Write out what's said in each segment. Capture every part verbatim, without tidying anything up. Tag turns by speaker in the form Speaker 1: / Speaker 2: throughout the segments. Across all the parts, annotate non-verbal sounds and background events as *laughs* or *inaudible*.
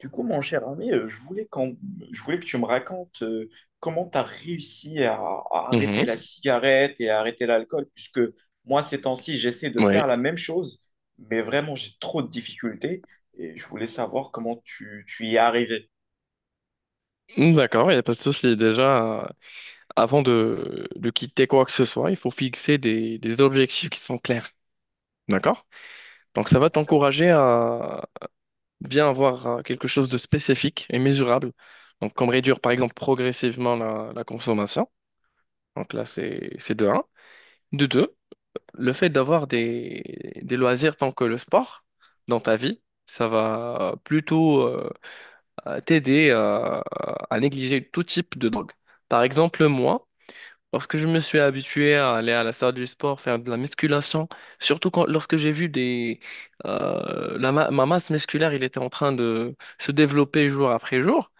Speaker 1: Du coup, mon cher ami, euh, je voulais, qu'on- je voulais que tu me racontes euh, comment tu as réussi à, à arrêter
Speaker 2: Mhm,
Speaker 1: la cigarette et à arrêter l'alcool, puisque moi, ces temps-ci, j'essaie de
Speaker 2: oui,
Speaker 1: faire la même chose, mais vraiment, j'ai trop de difficultés et je voulais savoir comment tu, tu y es arrivé.
Speaker 2: Mm, d'accord, il n'y a pas de souci. Déjà, euh, avant de, de quitter quoi que ce soit, il faut fixer des, des objectifs qui sont clairs. D'accord? Donc, ça va
Speaker 1: D'accord?
Speaker 2: t'encourager à bien avoir euh, quelque chose de spécifique et mesurable. Donc, comme réduire, par exemple, progressivement la, la consommation. Donc, là, c'est, c'est de un. De deux, le fait d'avoir des, des loisirs tant que le sport dans ta vie, ça va plutôt euh, euh, t'aider euh, à négliger tout type de drogue. Par exemple, moi, lorsque je me suis habitué à aller à la salle du sport, faire de la musculation, surtout quand, lorsque j'ai vu des, euh, la ma, ma masse musculaire, il était en train de se développer jour après jour,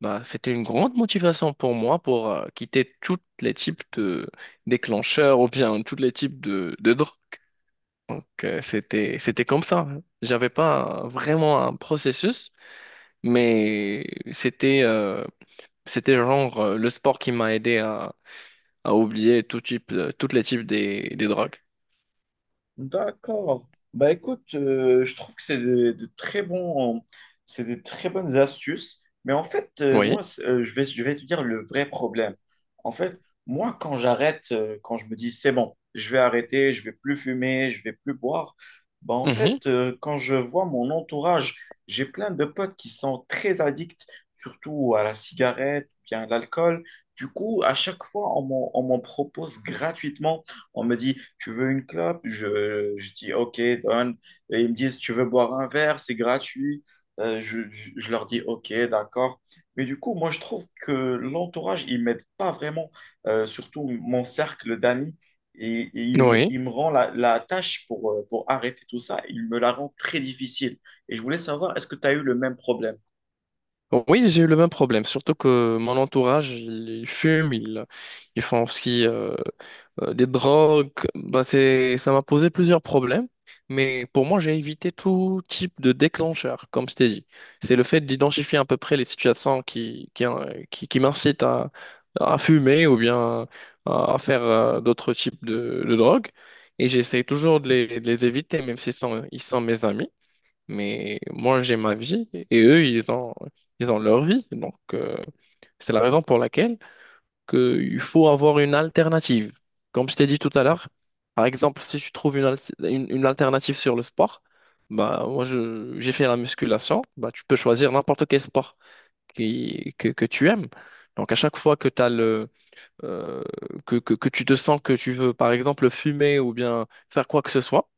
Speaker 2: bah, c'était une grande motivation pour moi pour euh, quitter tous les types de déclencheurs ou bien tous les types de, de drogues. Donc, euh, c'était, c'était comme ça. J'avais pas euh, vraiment un processus, mais c'était, euh, c'était genre euh, le sport qui m'a aidé à, à oublier tout type, euh, tous les types des, des drogues.
Speaker 1: D'accord. Bah écoute, euh, je trouve que c'est des, des très bons, c'est des très bonnes astuces. Mais en fait, euh,
Speaker 2: Oui.
Speaker 1: moi, c'est- euh, je vais, je vais te dire le vrai problème. En fait, moi, quand j'arrête, euh, quand je me dis c'est bon, je vais arrêter, je vais plus fumer, je vais plus boire, bah en
Speaker 2: Mhm.
Speaker 1: fait, euh, quand je vois mon entourage, j'ai plein de potes qui sont très addicts, surtout à la cigarette, ou bien à l'alcool. Du coup, à chaque fois, on m'en on m'en propose gratuitement. On me dit, tu veux une clope? Je, je dis, ok, donne. Et ils me disent, tu veux boire un verre? C'est gratuit. Euh, je, je- je leur dis, ok, d'accord. Mais du coup, moi, je trouve que l'entourage, il m'aide pas vraiment. Euh, surtout mon cercle d'amis. Et, et il me,
Speaker 2: Oui.
Speaker 1: il me rend la, la tâche pour, euh, pour arrêter tout ça, il me la rend très difficile. Et je voulais savoir, est-ce que tu as eu le même problème?
Speaker 2: Oui, j'ai eu le même problème, surtout que mon entourage, ils ils fument, ils, ils font aussi euh, euh, des drogues. Bah, c'est, ça m'a posé plusieurs problèmes, mais pour moi, j'ai évité tout type de déclencheur, comme je t'ai dit. C'est le fait d'identifier à peu près les situations qui, qui, euh, qui, qui m'incitent à, à fumer ou bien à, à faire euh, d'autres types de, de drogues. Et j'essaie toujours de les, de les éviter, même s'ils sont, ils sont mes amis. Mais moi, j'ai ma vie et eux, ils ont, ils ont leur vie. Donc, euh, c'est la raison pour laquelle que il faut avoir une alternative. Comme je t'ai dit tout à l'heure, par exemple, si tu trouves une, al- une, une alternative sur le sport, bah, moi, je, j'ai fait la musculation, bah, tu peux choisir n'importe quel sport qui, que, que tu aimes. Donc, à chaque fois que, t'as le, euh, que, que, que tu te sens que tu veux, par exemple, fumer ou bien faire quoi que ce soit,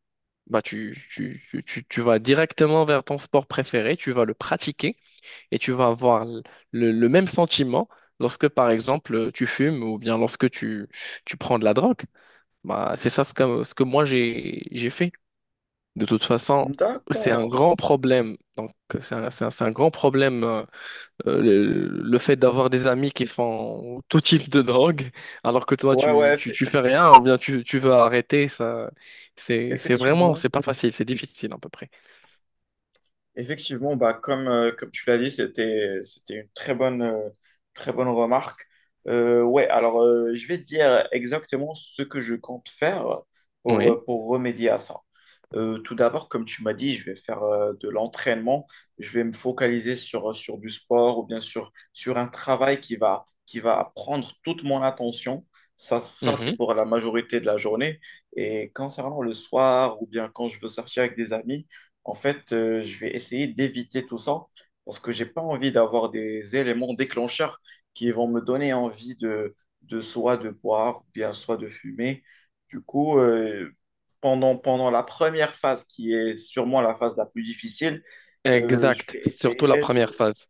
Speaker 2: bah tu, tu, tu, tu- tu vas directement vers ton sport préféré, tu vas le pratiquer et tu vas avoir l- le, le même sentiment lorsque, par exemple, tu fumes ou bien lorsque tu, tu prends de la drogue. Bah, c'est ça ce que, ce que moi j'ai, j'ai fait. De toute façon, c'est un
Speaker 1: D'accord.
Speaker 2: grand problème. Donc, c'est un, c'est un, c'est un grand problème euh, euh, le, le fait d'avoir des amis qui font tout type de drogue alors que toi,
Speaker 1: Ouais, ouais,
Speaker 2: tu, tu,
Speaker 1: eff-
Speaker 2: tu fais rien ou bien tu, tu veux arrêter. Ça, c'est, c'est vraiment,
Speaker 1: effectivement.
Speaker 2: c'est pas facile, c'est difficile à peu près.
Speaker 1: Effectivement, bah, comme, euh, comme tu l'as dit, c'était, c'était une très bonne, euh, très bonne remarque. Euh, ouais, alors euh, je vais te dire exactement ce que je compte faire pour,
Speaker 2: Oui,
Speaker 1: euh, pour remédier à ça. Euh, tout d'abord, comme tu m'as dit, je vais faire euh, de l'entraînement. Je vais me focaliser sur, euh, sur du sport ou bien sur, sur un travail qui va, qui va prendre toute mon attention. Ça, ça, c'est
Speaker 2: mhm,
Speaker 1: pour la majorité de la journée. Et concernant le soir ou bien quand je veux sortir avec des amis, en fait, euh, je vais essayer d'éviter tout ça parce que j'ai pas envie d'avoir des éléments déclencheurs qui vont me donner envie de, de soit de boire ou bien soit de fumer. Du coup, euh, pendant, pendant la première phase qui est sûrement la phase la plus difficile, euh, je
Speaker 2: exact.
Speaker 1: vais
Speaker 2: Surtout la
Speaker 1: essayer
Speaker 2: première
Speaker 1: de.
Speaker 2: phase.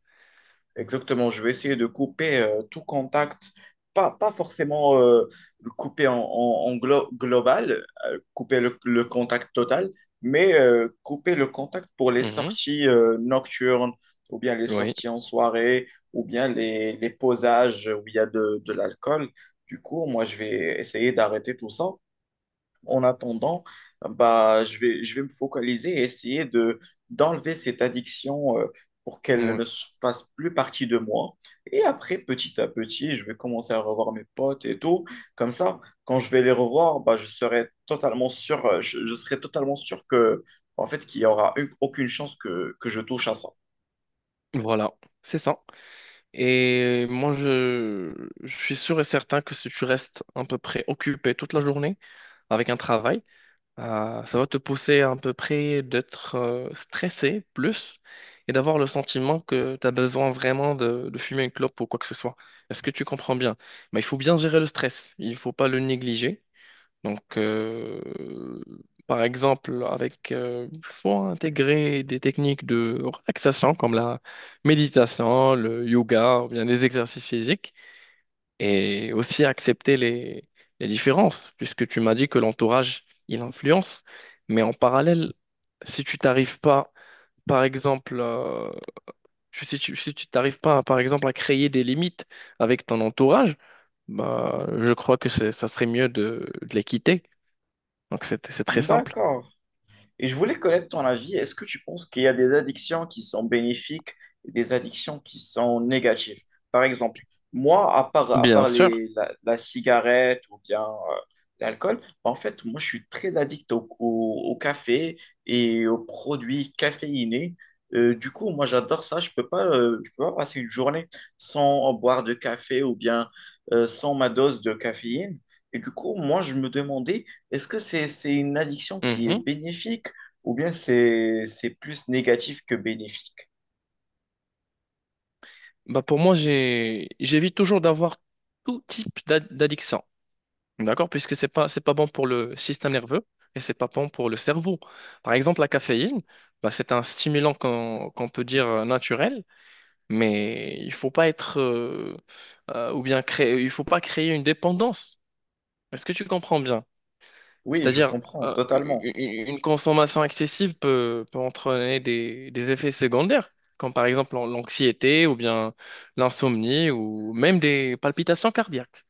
Speaker 1: Exactement, je vais essayer de couper euh, tout contact, pas, pas forcément euh, le couper en, en- en glo- global, euh, couper le, le contact total, mais euh, couper le contact pour les
Speaker 2: Mhm,
Speaker 1: sorties euh, nocturnes, ou bien les
Speaker 2: oui,
Speaker 1: sorties en soirée, ou bien les, les posages où il y a de, de l'alcool. Du coup, moi, je vais essayer d'arrêter tout ça en attendant, bah, je vais, je vais me focaliser et essayer de, d'enlever cette addiction euh, pour qu'elle
Speaker 2: oui,
Speaker 1: ne se fasse plus partie de moi. Et après, petit à petit, je vais commencer à revoir mes potes et tout. Comme ça, quand je vais les revoir, bah, je serai totalement sûr, euh, je, je serai totalement sûr que, en fait, qu'il n'y aura une- aucune chance que, que je touche à ça.
Speaker 2: voilà, c'est ça. Et moi, je, je suis sûr et certain que si tu restes à peu près occupé toute la journée avec un travail, euh, ça va te pousser à peu près d'être euh, stressé plus et d'avoir le sentiment que tu as besoin vraiment de, de fumer une clope ou quoi que ce soit. Est-ce que tu comprends bien? Mais il faut bien gérer le stress, il ne faut pas le négliger. Donc, euh, par exemple, avec, euh, il faut intégrer des techniques de relaxation comme la méditation, le yoga, ou bien des exercices physiques, et aussi accepter les, les différences, puisque tu m'as dit que l'entourage, il influence. Mais en parallèle, si tu t'arrives pas, par exemple, euh, tu- si tu, si tu t'arrives pas, par exemple, à créer des limites avec ton entourage, bah, je crois que c'est- ça serait mieux de, de les quitter. Donc, c'est c'est très simple.
Speaker 1: D'accord. Et je voulais connaître ton avis. Est-ce que tu penses qu'il y a des addictions qui sont bénéfiques et des addictions qui sont négatives? Par exemple, moi, à part, à
Speaker 2: Bien
Speaker 1: part
Speaker 2: sûr.
Speaker 1: les, la, la cigarette ou bien euh, l'alcool, bah, en fait, moi, je suis très addict au, au- au café et aux produits caféinés. Euh, du coup, moi, j'adore ça. Je peux pas, euh, je peux pas passer une journée sans boire de café ou bien euh, sans ma dose de caféine. Et du coup, moi, je me demandais, est-ce que c'est, c'est une addiction qui est
Speaker 2: Mhm.
Speaker 1: bénéfique ou bien c'est c'est plus négatif que bénéfique.
Speaker 2: Bah pour moi, j'ai, j'évite toujours d'avoir tout type d'ad- d'addiction. D'accord? Puisque c'est pas, c'est pas bon pour le système nerveux et c'est pas bon pour le cerveau. Par exemple, la caféine, bah c'est un stimulant qu'on qu'on peut dire euh, naturel, mais il faut pas être, euh, euh, ou bien créer, il faut pas créer une dépendance. Est-ce que tu comprends bien?
Speaker 1: Oui, je
Speaker 2: C'est-à-dire,
Speaker 1: comprends
Speaker 2: euh,
Speaker 1: totalement.
Speaker 2: u- une consommation excessive peut, peut entraîner des, des effets secondaires, comme par exemple l'an- l'anxiété ou bien l'insomnie ou même des palpitations cardiaques.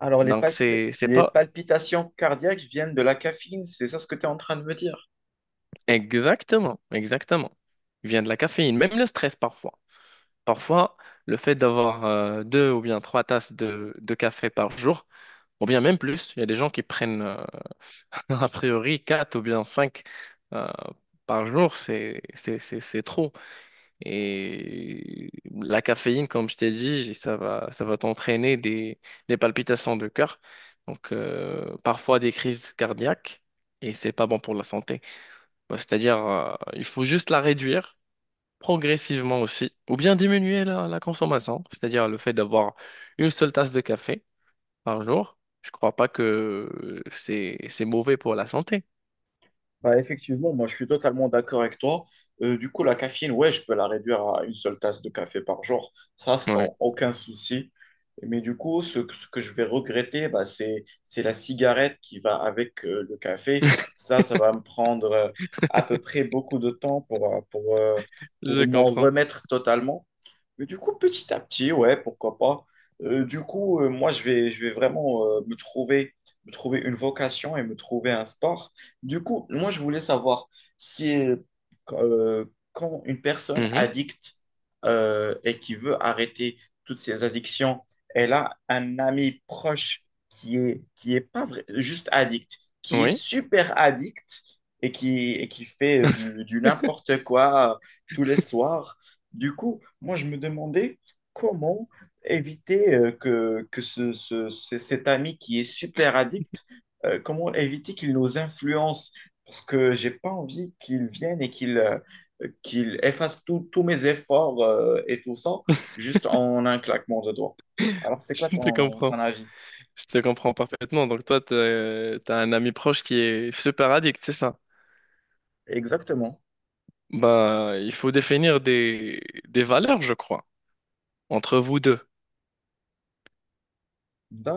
Speaker 1: Alors, les
Speaker 2: Donc,
Speaker 1: palpi-
Speaker 2: c'est, c'est
Speaker 1: les
Speaker 2: pas
Speaker 1: palpitations cardiaques viennent de la caféine, c'est ça ce que tu es en train de me dire?
Speaker 2: Exactement, exactement. Il vient de la caféine, même le stress parfois. Parfois, le fait d'avoir euh, deux ou bien trois tasses de, de café par jour, ou bien même plus, il y a des gens qui prennent euh, *laughs* a priori quatre ou bien cinq euh, par jour, c'est c'est- c'est- c'est trop. Et la caféine, comme je t'ai dit, ça va, ça va t'entraîner des, des palpitations de cœur, donc euh, parfois des crises cardiaques, et c'est pas bon pour la santé. Bah, c'est-à-dire, euh, il faut juste la réduire progressivement aussi, ou bien diminuer la, la consommation, c'est-à-dire le fait d'avoir une seule tasse de café par jour. Je crois pas que c'est c'est mauvais pour la santé.
Speaker 1: Bah, effectivement, moi je suis totalement d'accord avec toi. Euh, du coup, la caféine, ouais, je peux la réduire à une seule tasse de café par jour, ça
Speaker 2: Oui,
Speaker 1: sans aucun souci. Mais du coup, ce, que ce que je vais regretter, bah, c'est, c'est la cigarette qui va avec euh, le café.
Speaker 2: *laughs*
Speaker 1: Ça, ça va me prendre euh, à peu près beaucoup de temps pour, euh, pour, euh,
Speaker 2: je
Speaker 1: pour m'en
Speaker 2: comprends.
Speaker 1: remettre totalement. Mais du coup, petit à petit, ouais, pourquoi pas. Euh, du coup, euh, moi, je vais, je vais vraiment euh, me trouver, me trouver une vocation et me trouver un sport. Du coup, moi, je voulais savoir si euh, euh, quand une personne
Speaker 2: Mhm.
Speaker 1: addicte euh, et qui veut arrêter toutes ses addictions, elle a un ami proche qui est, qui est pas vrai- juste addict, qui est
Speaker 2: Oui,
Speaker 1: super addict et qui, et qui fait du, du
Speaker 2: *laughs*
Speaker 1: n'importe quoi euh, tous les soirs. Du coup, moi, je me demandais comment éviter euh, que, que ce, ce- ce- cet ami qui est super addict, euh, comment éviter qu'il nous influence, parce que j'ai pas envie qu'il vienne et qu'il euh, qu'il efface tout- tous mes efforts euh, et tout ça, juste en un claquement de doigts. Alors, c'est quoi
Speaker 2: je te
Speaker 1: ton, ton
Speaker 2: comprends.
Speaker 1: avis?
Speaker 2: Je te comprends parfaitement. Donc toi, t'as t'as un ami proche qui est super addict, c'est ça?
Speaker 1: Exactement.
Speaker 2: Bah, il faut définir des, des valeurs, je crois, entre vous deux.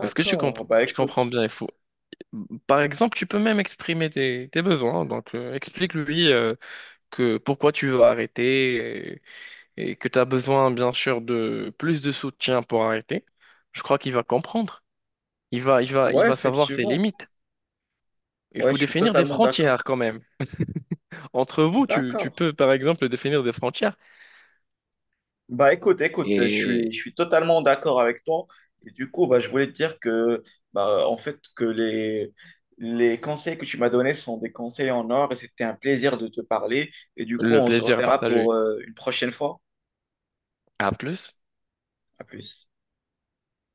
Speaker 2: Est-ce que tu comp-
Speaker 1: Bah
Speaker 2: Tu comprends
Speaker 1: écoute,
Speaker 2: bien? Il faut... Par exemple, tu peux même exprimer tes, tes besoins. Donc, euh, explique-lui euh, que pourquoi tu veux arrêter et, et que tu as besoin, bien sûr, de plus de soutien pour arrêter. Je crois qu'il va comprendre. Il va, il va, il
Speaker 1: ouais,
Speaker 2: va savoir ses
Speaker 1: effectivement.
Speaker 2: limites. Il
Speaker 1: Ouais,
Speaker 2: faut
Speaker 1: je suis
Speaker 2: définir des
Speaker 1: totalement
Speaker 2: frontières
Speaker 1: d'accord.
Speaker 2: quand même. Entre vous, tu, tu
Speaker 1: D'accord.
Speaker 2: peux par exemple définir des frontières
Speaker 1: Bah écoute, écoute, je suis,
Speaker 2: et
Speaker 1: je suis totalement d'accord avec toi. Et du coup, bah, je voulais te dire que, bah, en fait, que les, les conseils que tu m'as donnés sont des conseils en or et c'était un plaisir de te parler. Et du coup,
Speaker 2: le
Speaker 1: on se
Speaker 2: plaisir est
Speaker 1: reverra
Speaker 2: partagé.
Speaker 1: pour euh, une prochaine fois.
Speaker 2: À plus.
Speaker 1: À plus.